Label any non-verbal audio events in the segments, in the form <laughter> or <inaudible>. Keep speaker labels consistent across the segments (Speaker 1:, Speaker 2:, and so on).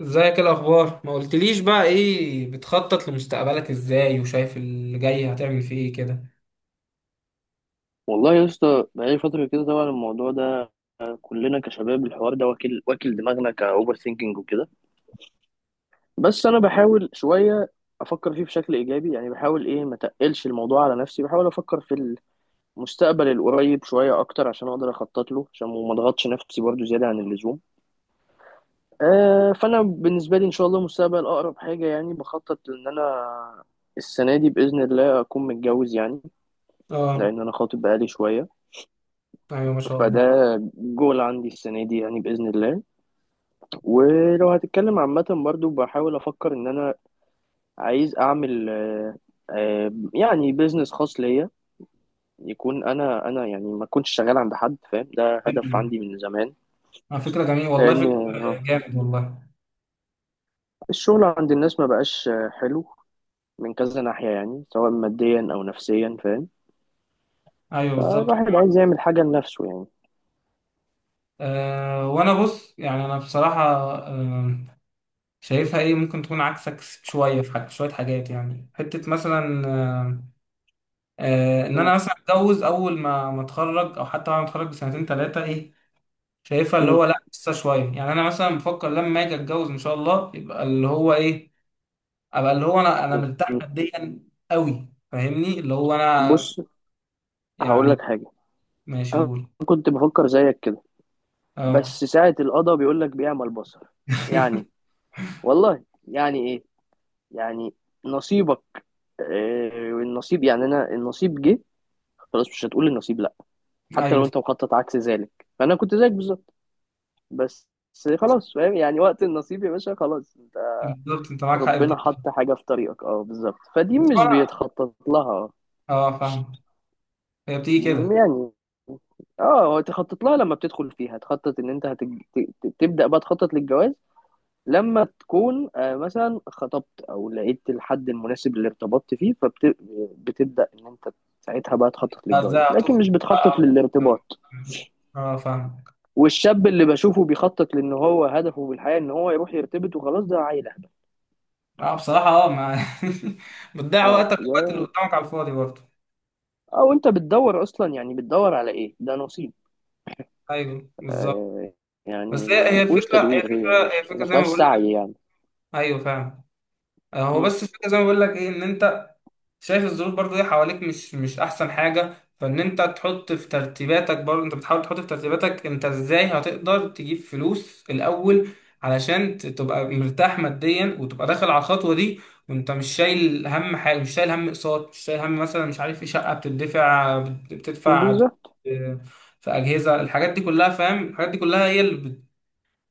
Speaker 1: ازيك؟ الاخبار؟ ما قلتليش بقى ايه بتخطط لمستقبلك ازاي؟ وشايف اللي جاي هتعمل فيه ايه كده؟
Speaker 2: والله يا اسطى بقالي فترة كده طبعا الموضوع ده، كلنا كشباب الحوار ده واكل واكل دماغنا كأوفر ثينكينج وكده. بس أنا بحاول شوية أفكر فيه بشكل إيجابي، يعني بحاول ما تقلش الموضوع على نفسي، بحاول أفكر في المستقبل القريب شوية أكتر عشان أقدر أخطط له، عشان ما أضغطش نفسي برضو زيادة عن اللزوم. آه، فأنا بالنسبة لي إن شاء الله مستقبل أقرب حاجة يعني بخطط إن أنا السنة دي بإذن الله أكون متجوز يعني،
Speaker 1: اه،
Speaker 2: لأن أنا خاطب بقالي شوية.
Speaker 1: ايوه ما شاء
Speaker 2: فده
Speaker 1: الله.
Speaker 2: جول عندي السنة دي يعني بإذن الله. ولو هتتكلم عامة برضو بحاول أفكر إن أنا عايز أعمل يعني بيزنس خاص ليا، يكون أنا يعني ما كنتش شغال عند حد، فاهم؟ ده
Speaker 1: حلو
Speaker 2: هدف
Speaker 1: ده.
Speaker 2: عندي من زمان.
Speaker 1: فكره جميله والله،
Speaker 2: لأن
Speaker 1: فكره جامد والله.
Speaker 2: الشغل عند الناس ما بقاش حلو من كذا ناحية، يعني سواء ماديا أو نفسيا، فاهم؟
Speaker 1: ايوه بالظبط.
Speaker 2: فالواحد عايز يعمل حاجة لنفسه يعني.
Speaker 1: وانا بص، يعني انا بصراحه، أه شايفها ايه، ممكن تكون عكسك شويه في حاجة، شويه حاجات يعني، حته مثلا ان
Speaker 2: م-
Speaker 1: انا مثلا اتجوز اول ما اتخرج او حتى بعد ما اتخرج بسنتين ثلاثه ايه، شايفها اللي
Speaker 2: م-
Speaker 1: هو لا، لسه شويه. يعني انا مثلا بفكر لما اجي اتجوز ان شاء الله يبقى اللي هو ايه، ابقى اللي هو انا مرتاح
Speaker 2: م-
Speaker 1: ماديا قوي، فاهمني؟ اللي هو انا
Speaker 2: بص هقول لك
Speaker 1: يعني.
Speaker 2: حاجة.
Speaker 1: ماشي،
Speaker 2: أنا
Speaker 1: قول.
Speaker 2: كنت بفكر زيك كده،
Speaker 1: اه.
Speaker 2: بس ساعة القضاء بيقول لك بيعمى البصر. يعني
Speaker 1: <laughs>
Speaker 2: والله يعني ايه، يعني نصيبك. آه، النصيب، يعني انا النصيب جه خلاص، مش هتقول النصيب لا. حتى
Speaker 1: ايوه
Speaker 2: لو انت مخطط عكس ذلك، فانا كنت زيك بالظبط. بس خلاص، فاهم يعني؟ وقت النصيب يا باشا خلاص، انت
Speaker 1: بالظبط، انت معاك حق في
Speaker 2: ربنا
Speaker 1: دي.
Speaker 2: حط حاجة في طريقك، اه بالظبط، فدي
Speaker 1: بس
Speaker 2: مش
Speaker 1: انا،
Speaker 2: بيتخطط لها
Speaker 1: اه فاهم، هي بتيجي كده.
Speaker 2: يعني. اه، هو تخطط لها لما بتدخل فيها، تخطط ان انت تبدأ بقى تخطط للجواز لما تكون مثلا خطبت او لقيت الحد المناسب اللي ارتبطت فيه، فبتبدا ان انت ساعتها بقى تخطط للجواز،
Speaker 1: ازاي
Speaker 2: لكن مش
Speaker 1: هتخطب
Speaker 2: بتخطط
Speaker 1: بقى؟
Speaker 2: للارتباط.
Speaker 1: اه فاهم.
Speaker 2: والشاب اللي بشوفه بيخطط لان هو هدفه في الحياه ان هو يروح يرتبط وخلاص، ده عيل أهبل.
Speaker 1: اه بصراحه اه، ما <laughs> بتضيع
Speaker 2: اه
Speaker 1: وقتك
Speaker 2: ده،
Speaker 1: ووقت اللي قدامك على الفاضي برضه.
Speaker 2: او انت بتدور اصلا، يعني بتدور على ايه؟ ده نصيب.
Speaker 1: ايوه بالظبط.
Speaker 2: آه، يعني
Speaker 1: بس هي
Speaker 2: ما
Speaker 1: هي
Speaker 2: ما فيهوش
Speaker 1: الفكره، هي
Speaker 2: تدوير، هي
Speaker 1: الفكره، هي الفكره
Speaker 2: ما
Speaker 1: زي ما
Speaker 2: فيهاش
Speaker 1: بقول لك.
Speaker 2: سعي يعني.
Speaker 1: ايوه فاهم. هو
Speaker 2: مم.
Speaker 1: بس الفكره زي ما بقول لك ايه، ان انت شايف الظروف برضو ايه حواليك، مش احسن حاجه، فان انت تحط في ترتيباتك، برضو انت بتحاول تحط في ترتيباتك، انت ازاي هتقدر تجيب فلوس الاول علشان تبقى مرتاح ماديا وتبقى داخل على الخطوه دي، وانت مش شايل هم حاجه، مش شايل هم اقساط، مش شايل هم مثلا مش عارف ايه، شقه بتدفع بتدفع
Speaker 2: بالظبط.
Speaker 1: آه، في اجهزه، الحاجات دي كلها فاهم، الحاجات دي كلها هي اللي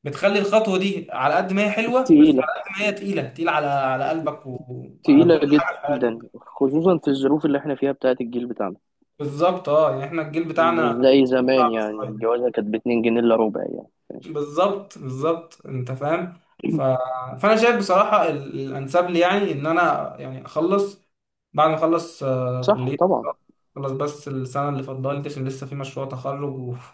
Speaker 1: بتخلي الخطوه دي على قد ما هي حلوه، بس
Speaker 2: تقيله،
Speaker 1: على قد ما هي تقيله، تقيله على على قلبك وعلى كل
Speaker 2: تقيله
Speaker 1: حاجه في
Speaker 2: جدا
Speaker 1: حياتك.
Speaker 2: خصوصا في الظروف اللي احنا فيها بتاعت الجيل بتاعنا.
Speaker 1: بالظبط، اه يعني احنا الجيل
Speaker 2: مش
Speaker 1: بتاعنا
Speaker 2: زي زمان،
Speaker 1: صعب
Speaker 2: يعني
Speaker 1: شويه.
Speaker 2: الجوازة كانت باتنين جنيه إلا ربع يعني.
Speaker 1: بالظبط بالظبط انت فاهم. ف... فانا شايف بصراحه الانسب لي، يعني ان انا يعني اخلص. بعد ما اخلص
Speaker 2: صح
Speaker 1: كليه.
Speaker 2: طبعا.
Speaker 1: خلص بس السنه اللي فاضله لي دي عشان لسه في مشروع تخرج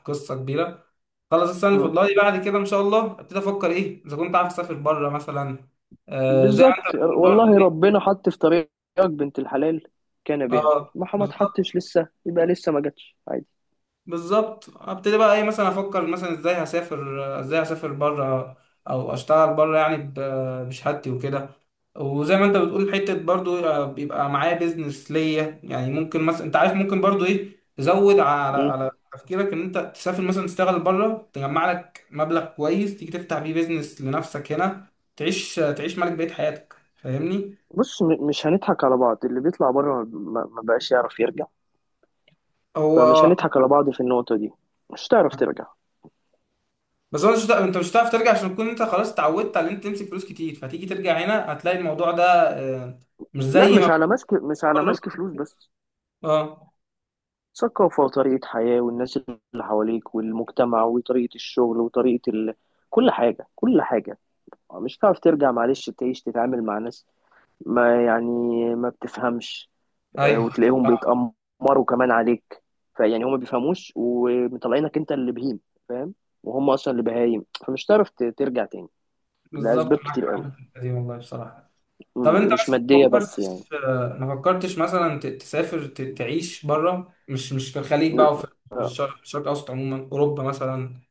Speaker 1: وقصه كبيره. خلص السنه اللي
Speaker 2: مم.
Speaker 1: فاضله لي بعد كده ان شاء الله ابتدي افكر ايه، اذا كنت عارف اسافر بره مثلا، زي ما انت
Speaker 2: بالظبط،
Speaker 1: بتقول
Speaker 2: والله
Speaker 1: برضه.
Speaker 2: ربنا حط في طريقك بنت الحلال كان بها،
Speaker 1: اه
Speaker 2: ما
Speaker 1: بالظبط.
Speaker 2: حطش لسه يبقى لسه ما جاتش، عادي.
Speaker 1: بالظبط ابتدي بقى ايه، مثلا افكر مثلا ازاي هسافر، ازاي هسافر بره او اشتغل بره، يعني بشهادتي وكده. وزي ما انت بتقول حته برضو بيبقى معايا بيزنس ليا، يعني ممكن مثلا انت عارف، ممكن برضو ايه تزود على
Speaker 2: مم.
Speaker 1: على تفكيرك ان انت تسافر مثلا تشتغل بره، تجمع لك مبلغ كويس تيجي تفتح بيه بيزنس لنفسك هنا، تعيش تعيش ملك بقية حياتك، فاهمني؟
Speaker 2: بص، مش هنضحك على بعض، اللي بيطلع بره ما بقاش يعرف يرجع. فمش
Speaker 1: هو
Speaker 2: هنضحك على بعض في النقطة دي، مش هتعرف ترجع.
Speaker 1: بس هو مش هتع- انت مش هتعرف ترجع عشان تكون انت خلاص اتعودت على ان انت تمسك فلوس كتير، فهتيجي ترجع هنا هتلاقي الموضوع ده آه، مش
Speaker 2: لا
Speaker 1: زي ما
Speaker 2: مش على ماسك، مش على
Speaker 1: بتقرب.
Speaker 2: ماسك فلوس بس،
Speaker 1: اه.
Speaker 2: ثقافة وطريقة حياة، والناس اللي حواليك، والمجتمع، وطريقة الشغل، وطريقة كل حاجة، كل حاجة. مش هتعرف ترجع، معلش، تعيش تتعامل مع ناس ما ما بتفهمش.
Speaker 1: ايوه <laughs>
Speaker 2: وتلاقيهم
Speaker 1: صح.
Speaker 2: بيتأمروا كمان عليك. فيعني هم ما بيفهموش ومطلعينك انت اللي بهيم، فاهم؟ وهم اصلا اللي بهايم، فمش هتعرف ترجع تاني. لأسباب
Speaker 1: بالظبط معاك
Speaker 2: كتير
Speaker 1: حق
Speaker 2: قوي،
Speaker 1: في الحتة دي والله بصراحه. طب
Speaker 2: مم،
Speaker 1: انت
Speaker 2: مش
Speaker 1: مثلا ما
Speaker 2: مادية بس يعني.
Speaker 1: فكرتش ما فكرتش مثلا تسافر تعيش بره، مش في الخليج
Speaker 2: لا،
Speaker 1: بقى، وفي
Speaker 2: آه،
Speaker 1: الشرق، في الشرق الاوسط عموما، اوروبا مثلا.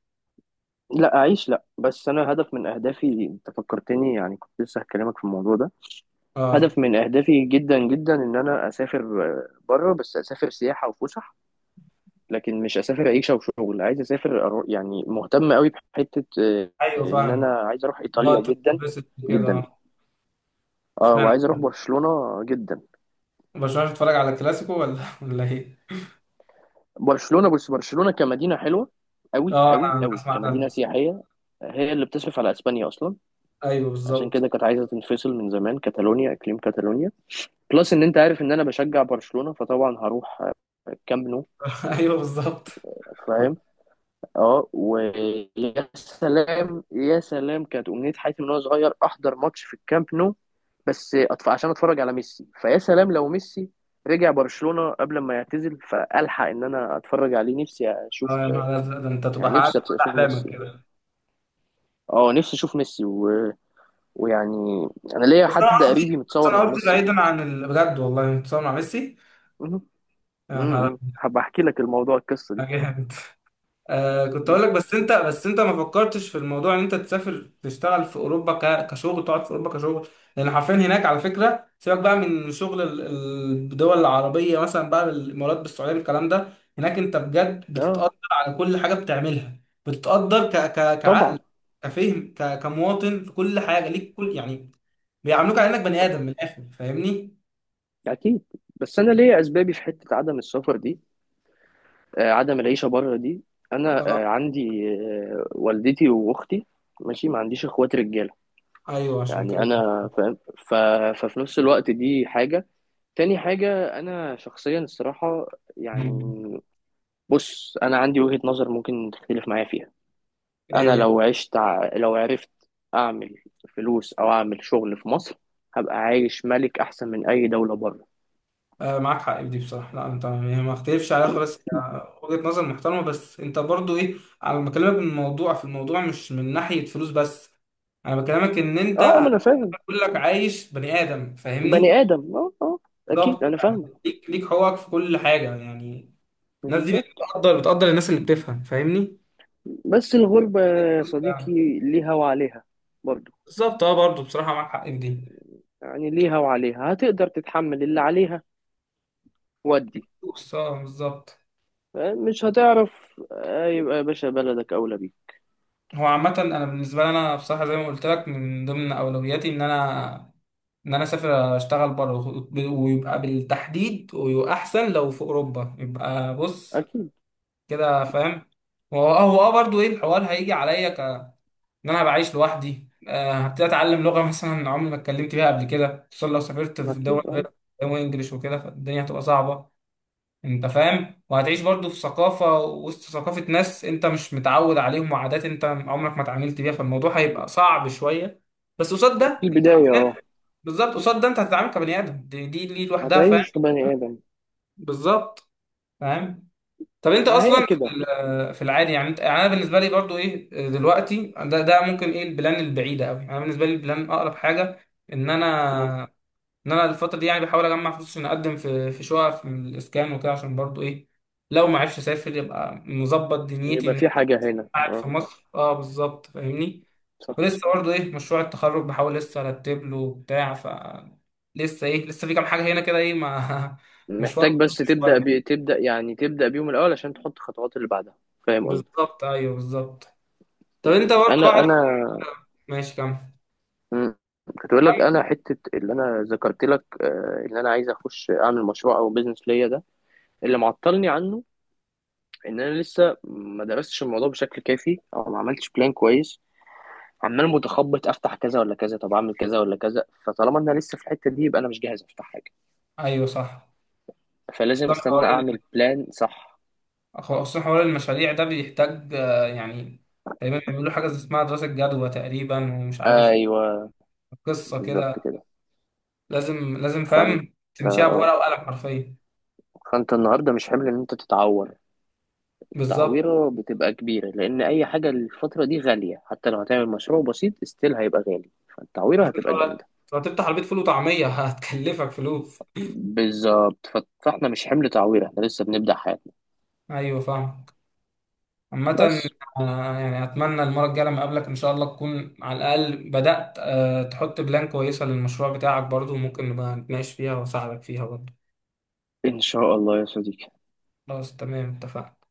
Speaker 2: أعيش لا، بس أنا هدف من أهدافي، أنت فكرتني، يعني كنت لسه هكلمك في الموضوع ده.
Speaker 1: اه
Speaker 2: هدف من أهدافي جدا جدا إن أنا أسافر بره، بس أسافر سياحة وفسح. لكن مش اسافر عيشه وشغل، عايز اسافر يعني مهتم قوي بحته.
Speaker 1: ايوه
Speaker 2: ان انا
Speaker 1: فاهم.
Speaker 2: عايز اروح ايطاليا
Speaker 1: نقطة
Speaker 2: جدا
Speaker 1: بس كده
Speaker 2: جدا.
Speaker 1: اه.
Speaker 2: اه
Speaker 1: اشمعنى
Speaker 2: وعايز اروح برشلونه جدا.
Speaker 1: برشلونه؟ بتتفرج على الكلاسيكو ولا <laughs> ولا ايه؟
Speaker 2: برشلونه، بس برشلونه كمدينه حلوه قوي
Speaker 1: اه، انا
Speaker 2: قوي
Speaker 1: أنا
Speaker 2: قوي،
Speaker 1: اسمع
Speaker 2: كمدينه
Speaker 1: ده.
Speaker 2: سياحيه. هي اللي بتصرف على اسبانيا اصلا،
Speaker 1: ايوه
Speaker 2: عشان
Speaker 1: بالظبط.
Speaker 2: كده كانت عايزه تنفصل من زمان، كاتالونيا، اقليم كاتالونيا. بلس ان انت عارف ان انا بشجع برشلونه، فطبعا هروح الكامب نو،
Speaker 1: <laughs> ايوه بالظبط.
Speaker 2: فاهم؟ اه، ويا سلام يا سلام، كانت امنيه حياتي من وانا صغير احضر ماتش في الكامب نو. عشان اتفرج على ميسي، فيا سلام لو ميسي رجع برشلونه قبل ما يعتزل، فالحق ان انا اتفرج عليه، نفسي اشوف
Speaker 1: اه يا نهار ازرق، ده انت تبقى
Speaker 2: يعني،
Speaker 1: حققت
Speaker 2: نفسي
Speaker 1: كل
Speaker 2: اشوف
Speaker 1: احلامك
Speaker 2: ميسي يعني.
Speaker 1: كده.
Speaker 2: اه نفسي اشوف ميسي و... ويعني انا ليا
Speaker 1: بس انا
Speaker 2: حد قريبي
Speaker 1: قصدي، بس
Speaker 2: متصور
Speaker 1: انا
Speaker 2: مع
Speaker 1: قصدي
Speaker 2: ميسي.
Speaker 1: بعيدا عن بجد والله متصور مع ميسي؟
Speaker 2: مهم.
Speaker 1: يا نهار
Speaker 2: مهم. هبقى احكي لك الموضوع، القصه دي
Speaker 1: أبيض. آه، كنت
Speaker 2: مهم.
Speaker 1: اقول لك، بس انت، بس انت ما فكرتش في الموضوع، ان انت تسافر تشتغل في اوروبا، كشغل، تقعد في اوروبا كشغل؟ لان حرفيا هناك، على فكره سيبك بقى من شغل الدول العربيه مثلا، بقى بالامارات، بالسعوديه، بالكلام ده، هناك انت بجد
Speaker 2: اه
Speaker 1: بتتقدر على كل حاجه بتعملها. بتتقدر ك كعقل،
Speaker 2: طبعا
Speaker 1: كفهم، كمواطن، في كل حاجه ليك، كل يعني بيعاملوك على انك بني ادم من الاخر، فاهمني؟
Speaker 2: اكيد. بس انا ليا اسبابي في حته عدم السفر دي، عدم العيشة بره دي. أنا
Speaker 1: اه
Speaker 2: عندي والدتي وأختي، ماشي، ما عنديش إخوات رجالة
Speaker 1: ايوه عشان
Speaker 2: يعني،
Speaker 1: كده.
Speaker 2: أنا فاهم. ففي نفس الوقت دي حاجة. تاني حاجة أنا شخصيا الصراحة
Speaker 1: مم.
Speaker 2: يعني، بص أنا عندي وجهة نظر ممكن تختلف معايا فيها. أنا
Speaker 1: ايه؟
Speaker 2: لو عشت لو عرفت أعمل فلوس أو أعمل شغل في مصر، هبقى عايش ملك أحسن من أي دولة بره.
Speaker 1: معاك حق في دي بصراحة، لا انت يعني ما اختلفش عليها خالص، وجهة نظر محترمة، بس انت برضو ايه، انا بكلمك من الموضوع في الموضوع، مش من ناحية فلوس بس، انا بكلمك ان انت
Speaker 2: أه ما أنا فاهم.
Speaker 1: هتقول لك عايش بني ادم،
Speaker 2: بني
Speaker 1: فاهمني؟
Speaker 2: آدم أه، أه أكيد
Speaker 1: بالظبط،
Speaker 2: أنا فاهمك.
Speaker 1: يعني ليك، ليك حقوقك في كل حاجة يعني. الناس دي
Speaker 2: بالظبط.
Speaker 1: بتقدر، بتقدر الناس اللي بتفهم، فاهمني
Speaker 2: بس الغربة يا
Speaker 1: يعني؟
Speaker 2: صديقي ليها وعليها برضو،
Speaker 1: بالظبط اه، برضو بصراحة معاك حق في دي.
Speaker 2: يعني ليها وعليها، هتقدر تتحمل اللي عليها؟ ودي
Speaker 1: بص اه بالظبط.
Speaker 2: مش هتعرف. يبقى يا باشا بلدك أولى بيك.
Speaker 1: هو عامة انا بالنسبة لي، انا بصراحة زي ما قلت لك، من ضمن اولوياتي ان انا، ان انا اسافر اشتغل بره، ويبقى بالتحديد ويبقى احسن لو في اوروبا، يبقى بص
Speaker 2: أكيد
Speaker 1: كده فاهم. هو هو اه برضه ايه الحوار هيجي عليا ك، ان انا بعيش لوحدي، هبتدي اتعلم لغه مثلا عمري ما اتكلمت بيها قبل كده، خصوصا لو سافرت في دول
Speaker 2: أكيد
Speaker 1: غير
Speaker 2: أه،
Speaker 1: انجلش وكده، فالدنيا هتبقى صعبه. انت فاهم، وهتعيش برضه في ثقافه، وسط ثقافه ناس انت مش متعود عليهم، وعادات انت عمرك ما اتعاملت بيها، فالموضوع هيبقى صعب شويه. بس قصاد
Speaker 2: في
Speaker 1: ده انت
Speaker 2: البداية
Speaker 1: حرفيا.
Speaker 2: أه.
Speaker 1: بالظبط، قصاد ده انت هتتعامل كبني ادم، دي لوحدها فاهم.
Speaker 2: هتعيش في بني آدم.
Speaker 1: بالظبط. فاهم. طب انت
Speaker 2: ما هي
Speaker 1: اصلا في
Speaker 2: كده.
Speaker 1: في العادي يعني انت، يعني انا بالنسبه لي برضو ايه دلوقتي، ده ممكن ايه البلان البعيده قوي، انا بالنسبه لي البلان اقرب حاجه ان
Speaker 2: مم.
Speaker 1: انا، ان انا الفتره دي يعني بحاول اجمع فلوس عشان اقدم في شقق في الاسكان وكده، عشان برضو ايه لو ما عرفش اسافر يبقى مظبط دنيتي ان
Speaker 2: يبقى في
Speaker 1: انا
Speaker 2: حاجة هنا
Speaker 1: قاعد في
Speaker 2: أه.
Speaker 1: مصر، اه بالظبط فاهمني.
Speaker 2: صح،
Speaker 1: ولسه برضه ايه مشروع التخرج بحاول لسه ارتب له بتاع، ف لسه ايه، لسه في كام حاجه هنا كده ايه، ما <laughs> مشوار
Speaker 2: محتاج بس تبدأ
Speaker 1: شويه.
Speaker 2: تبدأ يعني تبدأ بيهم الأول عشان تحط خطوات اللي بعدها، فاهم قصدي؟
Speaker 1: بالظبط، ايوه بالظبط. طب انت برضه
Speaker 2: أنا
Speaker 1: بعد.
Speaker 2: أنا
Speaker 1: ماشي كمل.
Speaker 2: مم. كنت بقول لك انا حته اللي انا ذكرت لك، ان انا عايز اخش اعمل مشروع او بيزنس ليا ده، اللي معطلني عنه ان انا لسه ما درستش الموضوع بشكل كافي او ما عملتش بلان كويس. عمال متخبط، افتح كذا ولا كذا، طب اعمل كذا ولا كذا، فطالما انا لسه في الحته دي يبقى انا مش جاهز افتح حاجه.
Speaker 1: ايوه صح.
Speaker 2: فلازم
Speaker 1: خصوصا
Speaker 2: استنى
Speaker 1: حوار،
Speaker 2: اعمل بلان صح.
Speaker 1: خصوصا حوار المشاريع ده بيحتاج يعني تقريبا بيعملوا حاجه اسمها دراسه جدوى تقريبا، ومش عارف ايه
Speaker 2: ايوه
Speaker 1: قصه
Speaker 2: بالظبط
Speaker 1: كده،
Speaker 2: كده.
Speaker 1: لازم فاهم
Speaker 2: فانت
Speaker 1: تمشيها
Speaker 2: اه
Speaker 1: بورقه وقلم حرفيا.
Speaker 2: فانت النهارده مش حمل ان انت تتعور.
Speaker 1: بالظبط.
Speaker 2: تعويرة بتبقى كبيرة، لأن أي حاجة الفترة دي غالية، حتى لو هتعمل مشروع بسيط استيل هيبقى غالي، فالتعويرة هتبقى جامدة.
Speaker 1: لو هتفتح عربيه فول وطعميه <laughs> هتكلفك فلوس.
Speaker 2: بالظبط. فاحنا مش حمل تعويرة، احنا لسه بنبدأ حياتنا.
Speaker 1: ايوه فاهم. عامة
Speaker 2: بس
Speaker 1: يعني أتمنى المرة الجاية لما أقابلك إن شاء الله تكون على الأقل بدأت تحط بلان كويسة للمشروع بتاعك برضو، وممكن نبقى نتناقش فيها وأساعدك فيها برضو.
Speaker 2: إن شاء الله يا صديقي.
Speaker 1: خلاص تمام، اتفقنا.